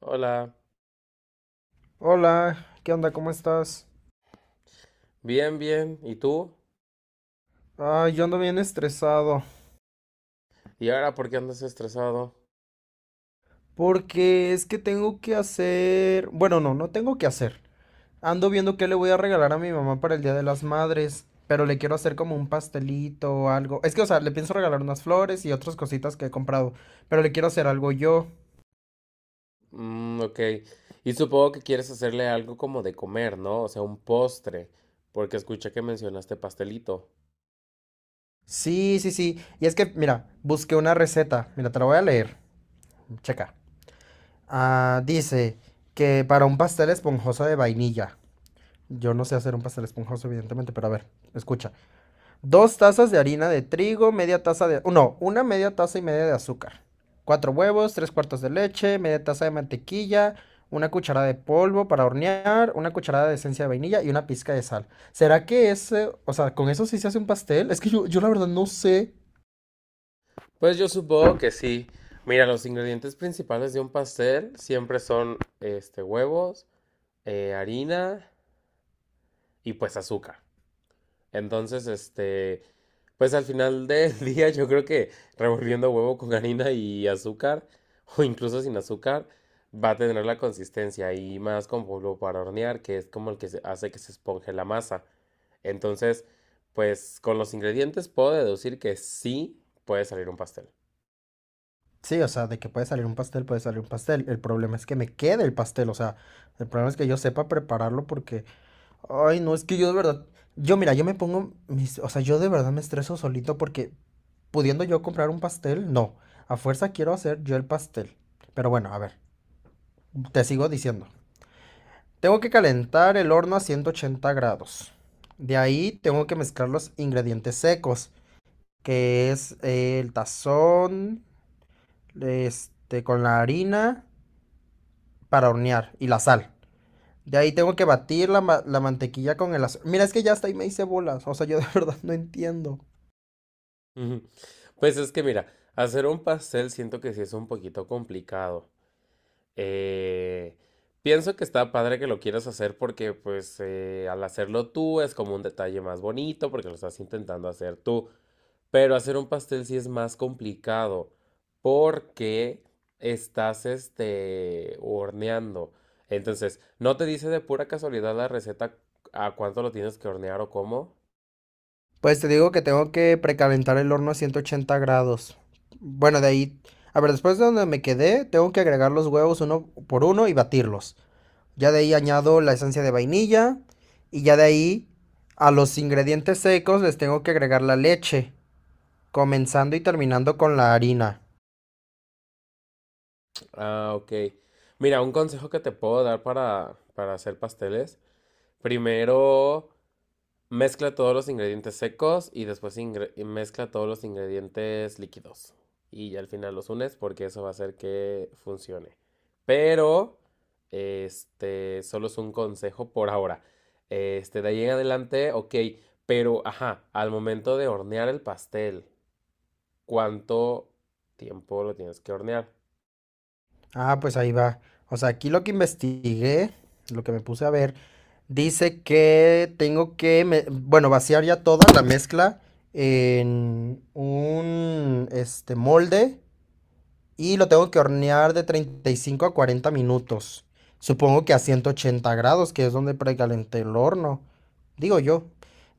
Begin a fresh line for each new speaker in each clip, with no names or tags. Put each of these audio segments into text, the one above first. Hola,
Hola, ¿qué onda? ¿Cómo estás?
bien. ¿Y tú?
Ah, yo ando bien estresado
¿Y ahora por qué andas estresado?
porque es que tengo que hacer, bueno, no, no tengo que hacer. Ando viendo qué le voy a regalar a mi mamá para el Día de las Madres, pero le quiero hacer como un pastelito o algo. Es que, o sea, le pienso regalar unas flores y otras cositas que he comprado, pero le quiero hacer algo yo.
Mm, ok. Y supongo que quieres hacerle algo como de comer, ¿no? O sea, un postre, porque escuché que mencionaste pastelito.
Sí, sí, sí. Y es que, mira, busqué una receta. Mira, te la voy a leer. Checa. Ah, dice que para un pastel esponjoso de vainilla. Yo no sé hacer un pastel esponjoso, evidentemente, pero a ver, escucha. 2 tazas de harina de trigo, media taza de... No, una media taza y media de azúcar. Cuatro huevos, tres cuartos de leche, media taza de mantequilla, una cucharada de polvo para hornear, una cucharada de esencia de vainilla y una pizca de sal. ¿Será que ese, o sea, con eso sí se hace un pastel? Es que yo la verdad no sé.
Pues yo supongo que sí. Mira, los ingredientes principales de un pastel siempre son, huevos, harina y pues azúcar. Entonces, este, Pues al final del día yo creo que revolviendo huevo con harina y azúcar, o incluso sin azúcar, va a tener la consistencia y más con polvo para hornear, que es como hace que se esponje la masa. Entonces, pues con los ingredientes puedo deducir que sí puede salir un pastel.
Sí, o sea, de que puede salir un pastel, puede salir un pastel. El problema es que me quede el pastel, o sea, el problema es que yo sepa prepararlo porque ay, no, es que yo de verdad, yo mira, yo me pongo mis, o sea, yo de verdad me estreso solito porque pudiendo yo comprar un pastel, no, a fuerza quiero hacer yo el pastel. Pero bueno, a ver, te sigo diciendo. Tengo que calentar el horno a 180 grados. De ahí tengo que mezclar los ingredientes secos, que es el tazón, este, con la harina para hornear y la sal. De ahí tengo que batir la mantequilla con el azúcar. Mira, es que ya hasta ahí me hice bolas. O sea, yo de verdad no entiendo.
Ujú. Pues es que mira, hacer un pastel siento que sí es un poquito complicado. Eh, pienso que está padre que lo quieras hacer porque pues al hacerlo tú es como un detalle más bonito porque lo estás intentando hacer tú, pero hacer un pastel sí es más complicado porque estás horneando. Entonces, ¿no te dice de pura casualidad la receta a cuánto lo tienes que hornear o cómo?
Pues te digo que tengo que precalentar el horno a 180 grados. Bueno, de ahí. A ver, después de donde me quedé, tengo que agregar los huevos uno por uno y batirlos. Ya de ahí añado la esencia de vainilla. Y ya de ahí a los ingredientes secos les tengo que agregar la leche. Comenzando y terminando con la harina.
Ah, ok. Mira, un consejo que te puedo dar para hacer pasteles. Primero, mezcla todos los ingredientes secos y después mezcla todos los ingredientes líquidos. Y ya al final los unes porque eso va a hacer que funcione. Pero solo es un consejo por ahora. De ahí en adelante, ok, pero, ajá, al momento de hornear el pastel, ¿cuánto tiempo lo tienes que hornear?
Ah, pues ahí va. O sea, aquí lo que investigué, lo que me puse a ver, dice que tengo que, bueno, vaciar ya toda la mezcla en un, este, molde y lo tengo que hornear de 35 a 40 minutos. Supongo que a 180 grados, que es donde precalenté el horno, digo yo.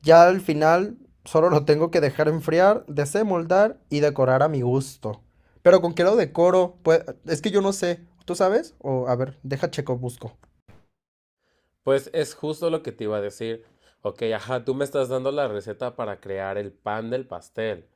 Ya al final solo lo tengo que dejar enfriar, desemoldar y decorar a mi gusto. Pero ¿con qué lo decoro? Pues es que yo no sé. ¿Tú sabes? O a ver, deja checo, busco.
Pues es justo lo que te iba a decir. Ok, ajá, tú me estás dando la receta para crear el pan del pastel.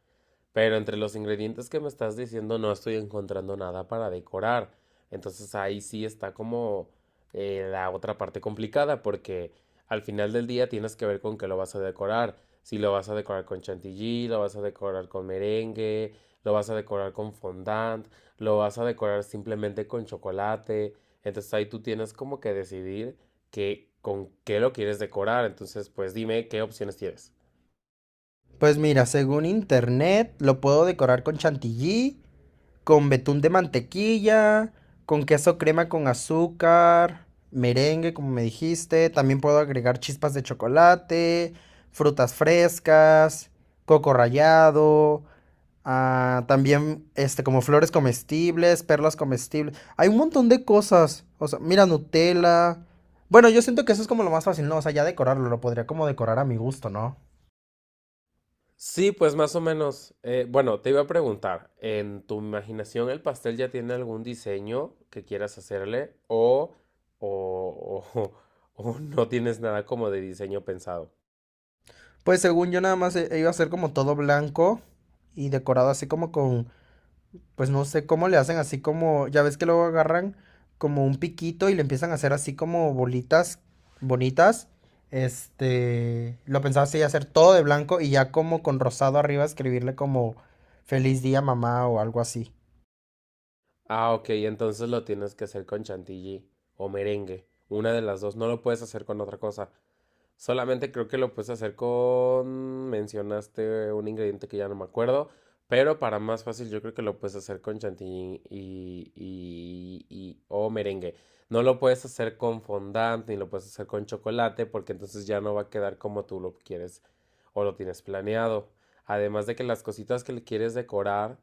Pero entre los ingredientes que me estás diciendo no estoy encontrando nada para decorar. Entonces ahí sí está como la otra parte complicada porque al final del día tienes que ver con qué lo vas a decorar. Si lo vas a decorar con chantilly, lo vas a decorar con merengue, lo vas a decorar con fondant, lo vas a decorar simplemente con chocolate. Entonces ahí tú tienes como que decidir con qué lo quieres decorar. Entonces pues dime qué opciones tienes.
Pues mira, según internet lo puedo decorar con chantilly, con betún de mantequilla, con queso crema con azúcar, merengue, como me dijiste. También puedo agregar chispas de chocolate, frutas frescas, coco rallado, ah, también este, como flores comestibles, perlas comestibles. Hay un montón de cosas. O sea, mira, Nutella. Bueno, yo siento que eso es como lo más fácil, ¿no? O sea, ya decorarlo, lo podría como decorar a mi gusto, ¿no?
Sí, pues más o menos. Bueno, te iba a preguntar, ¿en tu imaginación el pastel ya tiene algún diseño que quieras hacerle o o no tienes nada como de diseño pensado?
Pues según yo nada más iba a ser como todo blanco y decorado así como con... Pues no sé cómo le hacen así como, ya ves que luego agarran como un piquito y le empiezan a hacer así como bolitas bonitas. Este, lo pensaba así hacer todo de blanco y ya como con rosado arriba escribirle como feliz día mamá o algo así.
Ah, ok, entonces lo tienes que hacer con chantilly o merengue, una de las dos, no lo puedes hacer con otra cosa. Solamente creo que lo puedes hacer con... Mencionaste un ingrediente que ya no me acuerdo, pero para más fácil yo creo que lo puedes hacer con chantilly y o merengue. No lo puedes hacer con fondant ni lo puedes hacer con chocolate porque entonces ya no va a quedar como tú lo quieres o lo tienes planeado. Además de que las cositas que le quieres decorar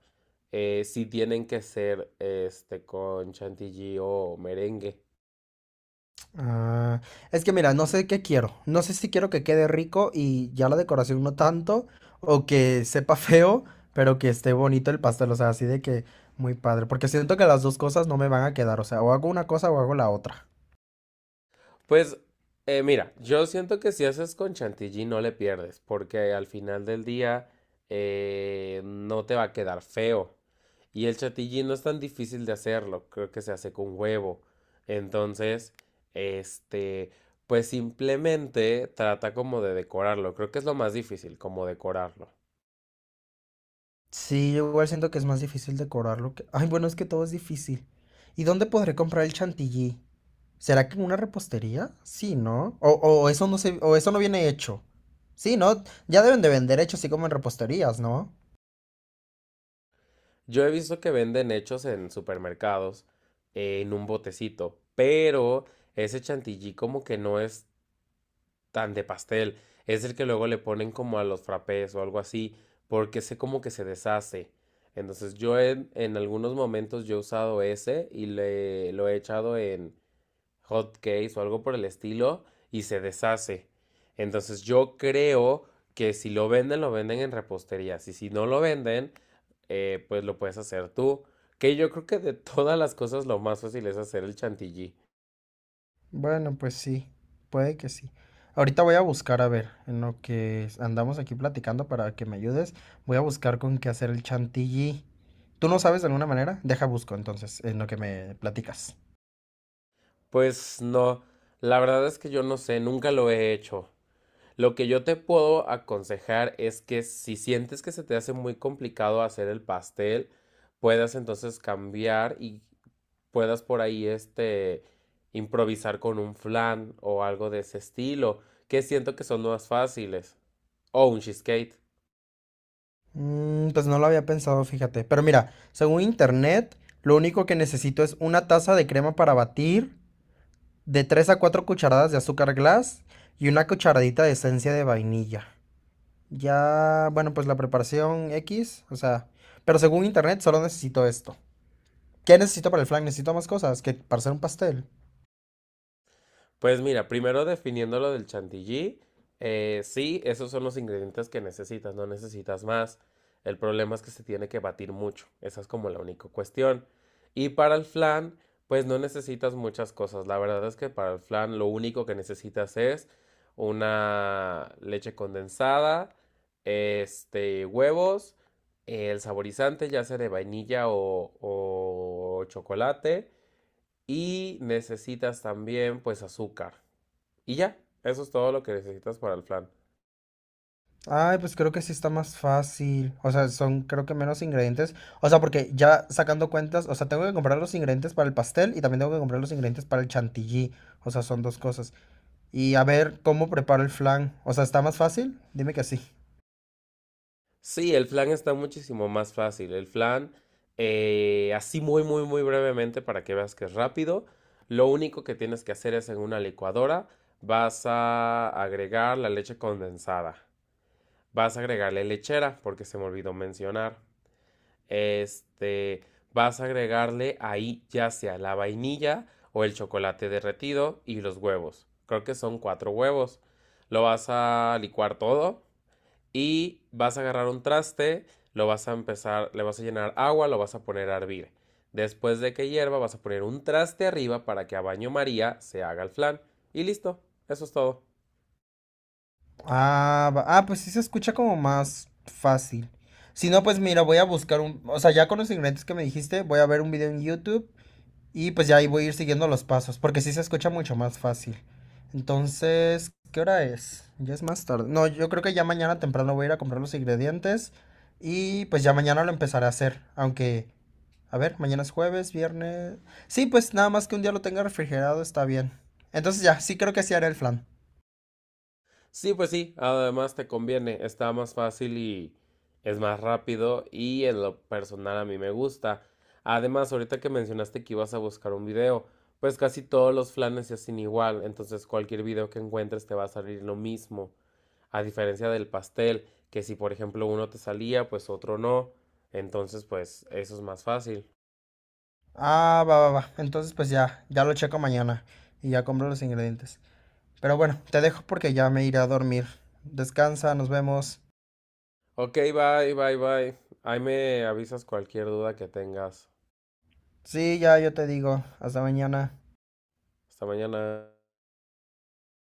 sí tienen que ser con chantilly o merengue.
Ah, es que mira, no sé qué quiero. No sé si quiero que quede rico y ya la decoración no tanto o que sepa feo, pero que esté bonito el pastel, o sea, así de que muy padre, porque siento que las dos cosas no me van a quedar, o sea, o hago una cosa o hago la otra.
Pues mira, yo siento que si haces con chantilly no le pierdes, porque al final del día no te va a quedar feo. Y el chantilly no es tan difícil de hacerlo, creo que se hace con huevo. Entonces, este, pues simplemente trata como de decorarlo, creo que es lo más difícil, como decorarlo.
Sí, yo igual siento que es más difícil decorarlo que... Ay, bueno, es que todo es difícil. ¿Y dónde podré comprar el chantilly? ¿Será que en una repostería? Sí, ¿no? O eso no se, o eso no viene hecho. Sí, ¿no? Ya deben de vender hecho así como en reposterías, ¿no?
Yo he visto que venden hechos en supermercados en un botecito, pero ese chantilly como que no es tan de pastel. Es el que luego le ponen como a los frappés o algo así, porque sé como que se deshace. Entonces yo en algunos momentos yo he usado ese y lo he echado en hot cakes o algo por el estilo y se deshace. Entonces yo creo que si lo venden, lo venden en reposterías y si no lo venden, pues lo puedes hacer tú. Que yo creo que de todas las cosas lo más fácil es hacer el chantilly.
Bueno, pues sí, puede que sí. Ahorita voy a buscar, a ver, en lo que andamos aquí platicando para que me ayudes, voy a buscar con qué hacer el chantilly. ¿Tú no sabes de alguna manera? Deja busco entonces, en lo que me platicas.
Pues no, la verdad es que yo no sé, nunca lo he hecho. Lo que yo te puedo aconsejar es que si sientes que se te hace muy complicado hacer el pastel, puedas entonces cambiar y puedas por ahí improvisar con un flan o algo de ese estilo, que siento que son más fáciles, o un cheesecake.
Mm, pues no lo había pensado, fíjate. Pero mira, según internet, lo único que necesito es una taza de crema para batir, de 3 a 4 cucharadas de azúcar glass y una cucharadita de esencia de vainilla. Ya, bueno, pues la preparación X, o sea, pero según internet solo necesito esto. ¿Qué necesito para el flan? Necesito más cosas que para hacer un pastel.
Pues mira, primero definiendo lo del chantilly, sí, esos son los ingredientes que necesitas, no necesitas más. El problema es que se tiene que batir mucho, esa es como la única cuestión. Y para el flan, pues no necesitas muchas cosas. La verdad es que para el flan lo único que necesitas es una leche condensada, huevos, el saborizante, ya sea de vainilla o chocolate, y necesitas también pues azúcar. Y ya, eso es todo lo que necesitas para el flan.
Ay, pues creo que sí está más fácil. O sea, son creo que menos ingredientes. O sea, porque ya sacando cuentas, o sea, tengo que comprar los ingredientes para el pastel y también tengo que comprar los ingredientes para el chantilly. O sea, son dos cosas. Y a ver cómo preparo el flan. O sea, ¿está más fácil? Dime que sí.
Sí, el flan está muchísimo más fácil. El flan, así muy, muy, muy brevemente para que veas que es rápido. Lo único que tienes que hacer es en una licuadora vas a agregar la leche condensada. Vas a agregarle lechera, porque se me olvidó mencionar. Este, Vas a agregarle ahí ya sea la vainilla o el chocolate derretido y los huevos. Creo que son 4 huevos. Lo vas a licuar todo y vas a agarrar un traste, lo vas a empezar, le vas a llenar agua, lo vas a poner a hervir. Después de que hierva, vas a poner un traste arriba para que a baño María se haga el flan. Y listo, eso es todo.
Ah, ah, pues sí se escucha como más fácil. Si no, pues mira, voy a buscar un... O sea, ya con los ingredientes que me dijiste, voy a ver un video en YouTube. Y pues ya ahí voy a ir siguiendo los pasos, porque sí se escucha mucho más fácil. Entonces, ¿qué hora es? Ya es más tarde. No, yo creo que ya mañana temprano voy a ir a comprar los ingredientes y pues ya mañana lo empezaré a hacer, aunque, a ver, mañana es jueves, viernes. Sí, pues nada más que un día lo tenga refrigerado está bien. Entonces ya, sí creo que sí haré el flan.
Sí, pues sí, además te conviene, está más fácil y es más rápido y en lo personal a mí me gusta. Además, ahorita que mencionaste que ibas a buscar un video, pues casi todos los flanes se hacen igual, entonces cualquier video que encuentres te va a salir lo mismo. A diferencia del pastel, que si por ejemplo uno te salía, pues otro no. Entonces, pues eso es más fácil.
Ah, va, va, va. Entonces pues ya, ya lo checo mañana y ya compro los ingredientes. Pero bueno, te dejo porque ya me iré a dormir. Descansa, nos vemos.
Ok, bye, bye, bye. Ahí me avisas cualquier duda que tengas.
Sí, ya yo te digo. Hasta mañana.
Hasta mañana.